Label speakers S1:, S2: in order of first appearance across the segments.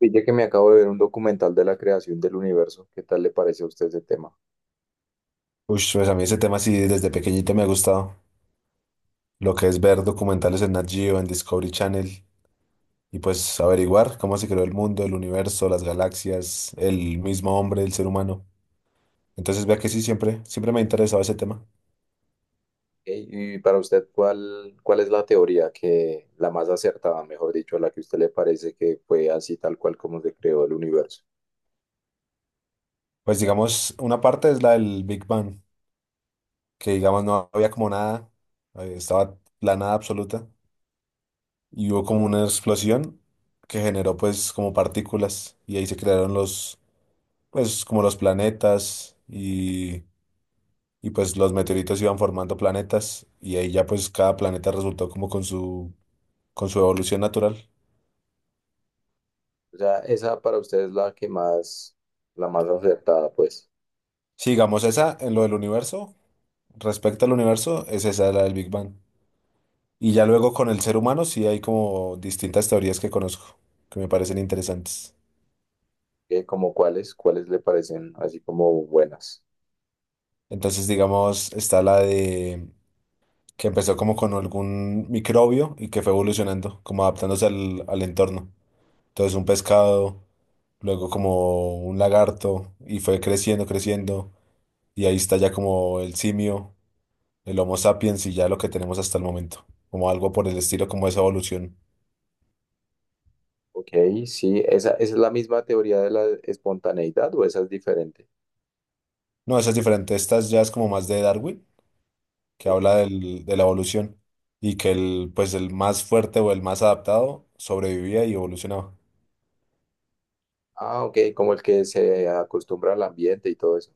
S1: Pille que me acabo de ver un documental de la creación del universo. ¿Qué tal le parece a usted ese tema?
S2: Uy, pues a mí ese tema sí desde pequeñito me ha gustado. Lo que es ver documentales en Nat Geo, en Discovery Channel y pues averiguar cómo se creó el mundo, el universo, las galaxias, el mismo hombre, el ser humano. Entonces vea que sí, siempre, siempre me ha interesado ese tema.
S1: Ey. Y para usted, ¿cuál es la teoría que la más acertada, mejor dicho, a la que a usted le parece que fue así tal cual como se creó el universo?
S2: Pues digamos, una parte es la del Big Bang, que digamos no había como nada, estaba la nada absoluta y hubo como una explosión que generó pues como partículas y ahí se crearon los, pues como los planetas y pues los meteoritos iban formando planetas y ahí ya pues cada planeta resultó como con su evolución natural.
S1: O sea, esa para usted es la que la más acertada, pues.
S2: Sigamos esa en lo del universo, respecto al universo, es esa la del Big Bang. Y ya luego con el ser humano sí hay como distintas teorías que conozco, que me parecen interesantes.
S1: ¿Qué, como cuáles le parecen así como buenas?
S2: Entonces digamos está la de que empezó como con algún microbio y que fue evolucionando, como adaptándose al entorno. Entonces un pescado, luego como un lagarto y fue creciendo, creciendo. Y ahí está ya como el simio, el Homo sapiens y ya lo que tenemos hasta el momento. Como algo por el estilo, como esa evolución.
S1: Ok, sí, esa es la misma teoría de la espontaneidad o esa es diferente.
S2: No, esa es diferente. Ya es como más de Darwin, que
S1: Ok.
S2: habla de la evolución. Y que el, pues el más fuerte o el más adaptado sobrevivía y evolucionaba.
S1: Ah, ok, como el que se acostumbra al ambiente y todo eso.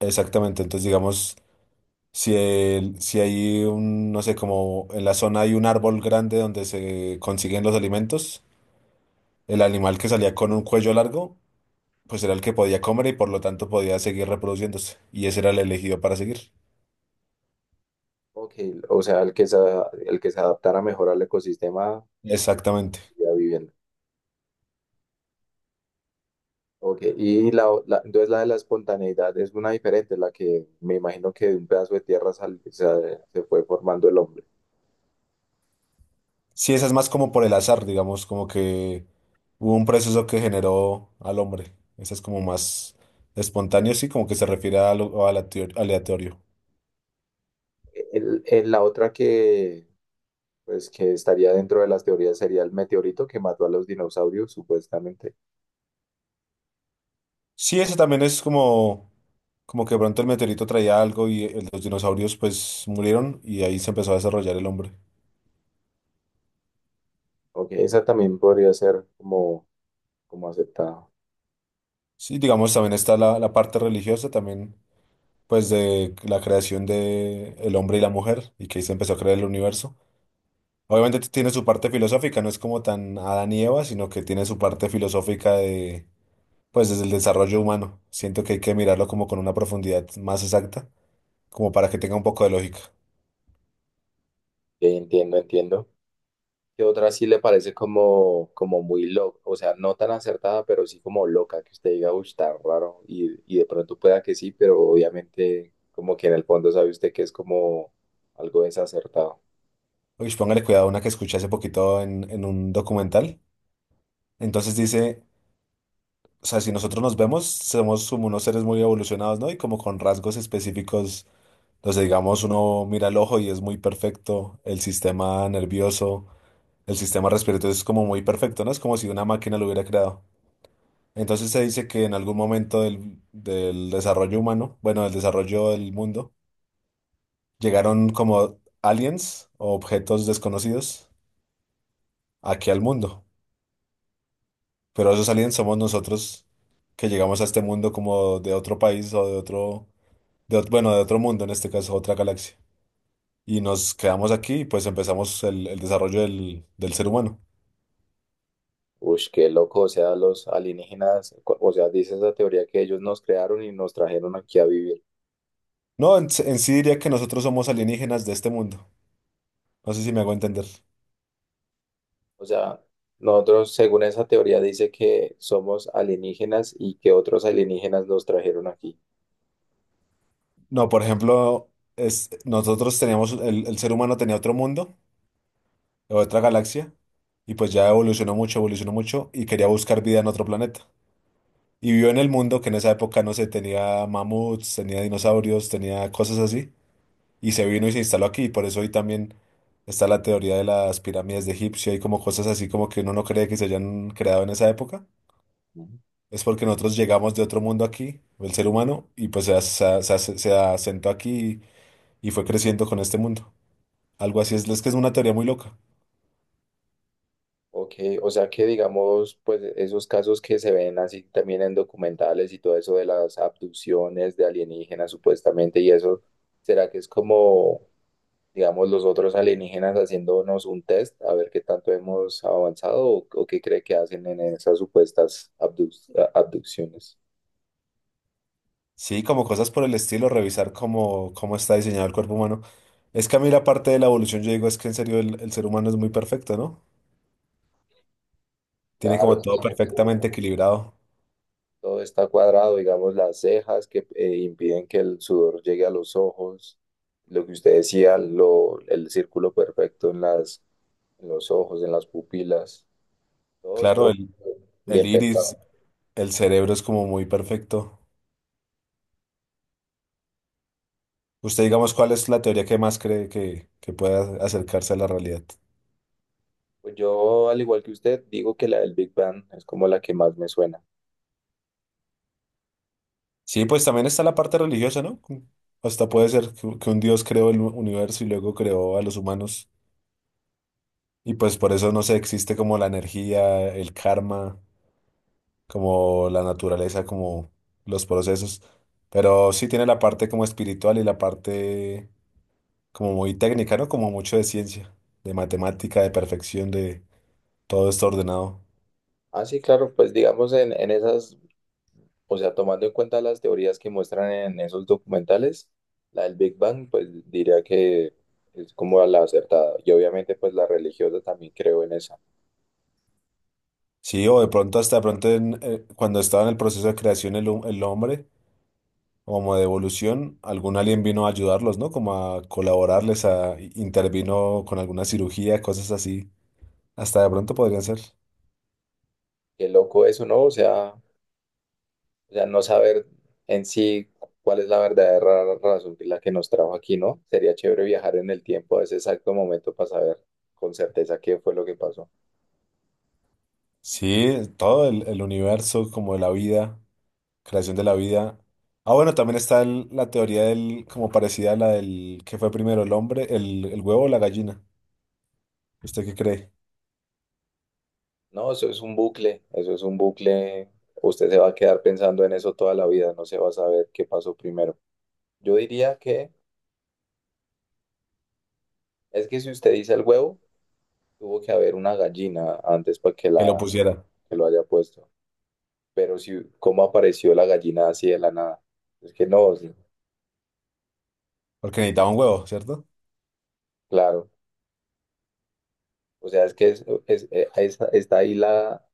S2: Exactamente. Entonces, digamos, si, si hay un, no sé, como en la zona hay un árbol grande donde se consiguen los alimentos, el animal que salía con un cuello largo pues era el que podía comer y por lo tanto podía seguir reproduciéndose. Y ese era el elegido para seguir.
S1: Ok, o sea, el que el que se adaptara mejor al ecosistema
S2: Exactamente.
S1: y a vivienda. Ok, y la, o- la- entonces la de la espontaneidad es una diferente, la que me imagino que de un pedazo de tierra sal- se fue formando el hombre.
S2: Sí, esa es más como por el azar, digamos, como que hubo un proceso que generó al hombre. Esa es como más espontáneo, sí, como que se refiere a lo a la aleatorio.
S1: La otra que, pues, que estaría dentro de las teorías sería el meteorito que mató a los dinosaurios, supuestamente.
S2: Sí, ese también es como, como que de pronto el meteorito traía algo y los dinosaurios pues murieron y ahí se empezó a desarrollar el hombre.
S1: Ok, esa también podría ser como, como aceptada. Ok,
S2: Sí, digamos, también está la, la parte religiosa, también pues de la creación de el hombre y la mujer y que ahí se empezó a crear el universo. Obviamente tiene su parte filosófica, no es como tan Adán y Eva, sino que tiene su parte filosófica de, pues desde el desarrollo humano. Siento que hay que mirarlo como con una profundidad más exacta, como para que tenga un poco de lógica.
S1: entiendo, entiendo. Que otra sí le parece como, como muy loca, o sea, no tan acertada, pero sí como loca, que usted diga, uy, está raro, y de pronto pueda que sí, pero obviamente como que en el fondo sabe usted que es como algo desacertado.
S2: Uy, póngale cuidado a una que escuché hace poquito en un documental. Entonces dice, o sea, si nosotros nos vemos, somos como unos seres muy evolucionados, ¿no? Y como con rasgos específicos. Entonces, digamos, uno mira el ojo y es muy perfecto, el sistema nervioso, el sistema respiratorio es como muy perfecto, ¿no? Es como si una máquina lo hubiera creado. Entonces se dice que en algún momento del, del desarrollo humano, bueno, del desarrollo del mundo, llegaron como aliens o objetos desconocidos aquí al mundo. Pero esos aliens somos nosotros que llegamos a este mundo como de otro país o de otro, de, bueno, de otro mundo, en este caso, otra galaxia. Y nos quedamos aquí y pues empezamos el desarrollo del, del ser humano.
S1: Uy, qué loco, o sea, los alienígenas, cu- o sea, dice esa teoría que ellos nos crearon y nos trajeron aquí a vivir.
S2: No, en sí diría que nosotros somos alienígenas de este mundo. No sé si me hago entender.
S1: O sea, nosotros, según esa teoría, dice que somos alienígenas y que otros alienígenas nos trajeron aquí.
S2: No, por ejemplo, es, nosotros teníamos, el ser humano tenía otro mundo, otra galaxia, y pues ya evolucionó mucho y quería buscar vida en otro planeta. Y vivió en el mundo que en esa época, no sé, tenía mamuts, tenía dinosaurios, tenía cosas así. Y se vino y se instaló aquí. Y por eso hoy también está la teoría de las pirámides de Egipcio y como cosas así como que uno no cree que se hayan creado en esa época. Es porque nosotros llegamos de otro mundo aquí, el ser humano, y pues se asentó aquí y fue creciendo con este mundo. Algo así es que es una teoría muy loca.
S1: Ok, o sea que digamos, pues esos casos que se ven así también en documentales y todo eso de las abducciones de alienígenas supuestamente y eso, ¿será que es como, digamos, los otros alienígenas haciéndonos un test a ver qué tanto hemos avanzado o qué cree que hacen en esas supuestas abduc- abducciones?
S2: Sí, como cosas por el estilo, revisar cómo, cómo está diseñado el cuerpo humano. Es que a mí la parte de la evolución, yo digo, es que en serio el ser humano es muy perfecto, ¿no? Tiene
S1: Claro,
S2: como
S1: es
S2: todo
S1: que
S2: perfectamente equilibrado.
S1: todo está cuadrado, digamos, las cejas que impiden que el sudor llegue a los ojos, lo que usted decía, lo, el círculo perfecto en las en los ojos, en las pupilas, todo
S2: Claro,
S1: esto
S2: el
S1: bien
S2: iris,
S1: pensado.
S2: el cerebro es como muy perfecto. Usted, digamos, ¿cuál es la teoría que más cree que pueda acercarse a la realidad?
S1: Pues yo, al igual que usted, digo que la del Big Bang es como la que más me suena.
S2: Sí, pues también está la parte religiosa, ¿no? Como hasta puede ser que un Dios creó el universo y luego creó a los humanos. Y pues por eso no sé, existe como la energía, el karma, como la naturaleza, como los procesos. Pero sí tiene la parte como espiritual y la parte como muy técnica, ¿no? Como mucho de ciencia, de matemática, de perfección, de todo esto ordenado.
S1: Ah, sí, claro, pues digamos en esas, o sea, tomando en cuenta las teorías que muestran en esos documentales, la del Big Bang, pues diría que es como la acertada. Y obviamente, pues la religiosa también creo en esa.
S2: Sí, o de pronto hasta de pronto en, cuando estaba en el proceso de creación el, el hombre, como de evolución, algún alien vino a ayudarlos, ¿no? Como a colaborarles, a intervino con alguna cirugía, cosas así. Hasta de pronto podrían ser.
S1: Qué loco eso, ¿no? O sea, o sea, no saber en sí cuál es la verdadera razón que la que nos trajo aquí, ¿no? Sería chévere viajar en el tiempo a ese exacto momento para saber con certeza qué fue lo que pasó.
S2: Sí, todo el universo, como la vida, creación de la vida. Ah, bueno, también está la teoría del, como parecida a la del que fue primero el hombre, el huevo o la gallina. ¿Usted qué cree?
S1: No, eso es un bucle, eso es un bucle. Usted se va a quedar pensando en eso toda la vida, no se va a saber qué pasó primero. Yo diría que es que si usted dice el huevo, tuvo que haber una gallina antes para que la
S2: Que lo pusiera.
S1: que lo haya puesto. Pero si cómo apareció la gallina así de la nada. Es que no, sí,
S2: Porque necesitaba un huevo, ¿cierto?
S1: claro. O sea, es que está ahí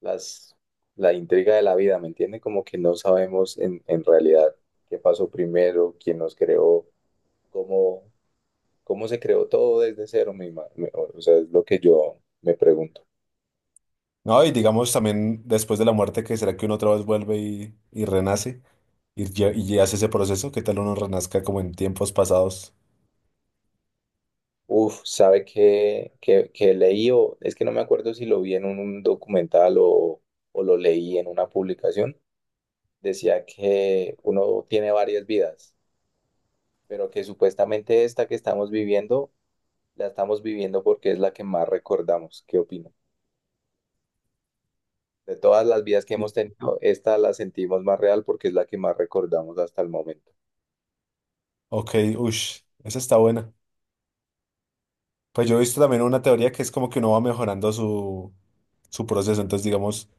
S1: las, la intriga de la vida, ¿me entiende? Como que no sabemos en realidad qué pasó primero, quién nos creó, cómo, cómo se creó todo desde cero, o sea, es lo que yo me pregunto.
S2: No, y digamos también después de la muerte, que será que uno otra vez vuelve y renace y, y ya hace ese proceso, ¿qué tal uno renazca como en tiempos pasados?
S1: Uf, ¿sabe qué, qué leí? O, es que no me acuerdo si lo vi en un documental o lo leí en una publicación. Decía que uno tiene varias vidas, pero que supuestamente esta que estamos viviendo la estamos viviendo porque es la que más recordamos. ¿Qué opino? De todas las vidas que hemos
S2: Sí.
S1: tenido, esta la sentimos más real porque es la que más recordamos hasta el momento.
S2: Ok, ush, esa está buena. Pues yo he visto también una teoría que es como que uno va mejorando su, su proceso, entonces digamos,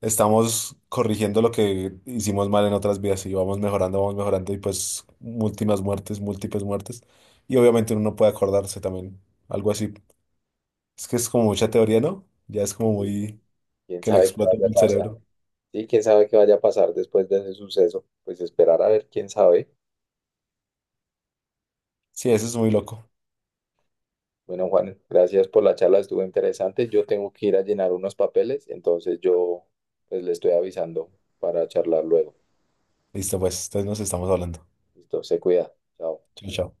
S2: estamos corrigiendo lo que hicimos mal en otras vidas y vamos mejorando y pues múltiples muertes, múltiples muertes. Y obviamente uno no puede acordarse también, algo así. Es que es como mucha teoría, ¿no? Ya es como
S1: Y
S2: muy...
S1: quién
S2: que le
S1: sabe qué
S2: explota
S1: vaya a
S2: el
S1: pasar.
S2: cerebro.
S1: Sí, quién sabe qué vaya a pasar después de ese suceso. Pues esperar a ver quién sabe.
S2: Sí, eso es muy loco.
S1: Bueno, Juan, gracias por la charla, estuvo interesante. Yo tengo que ir a llenar unos papeles, entonces yo pues le estoy avisando para charlar luego.
S2: Listo, pues, entonces nos estamos hablando.
S1: Listo, se cuida. Chao.
S2: Chao, chao.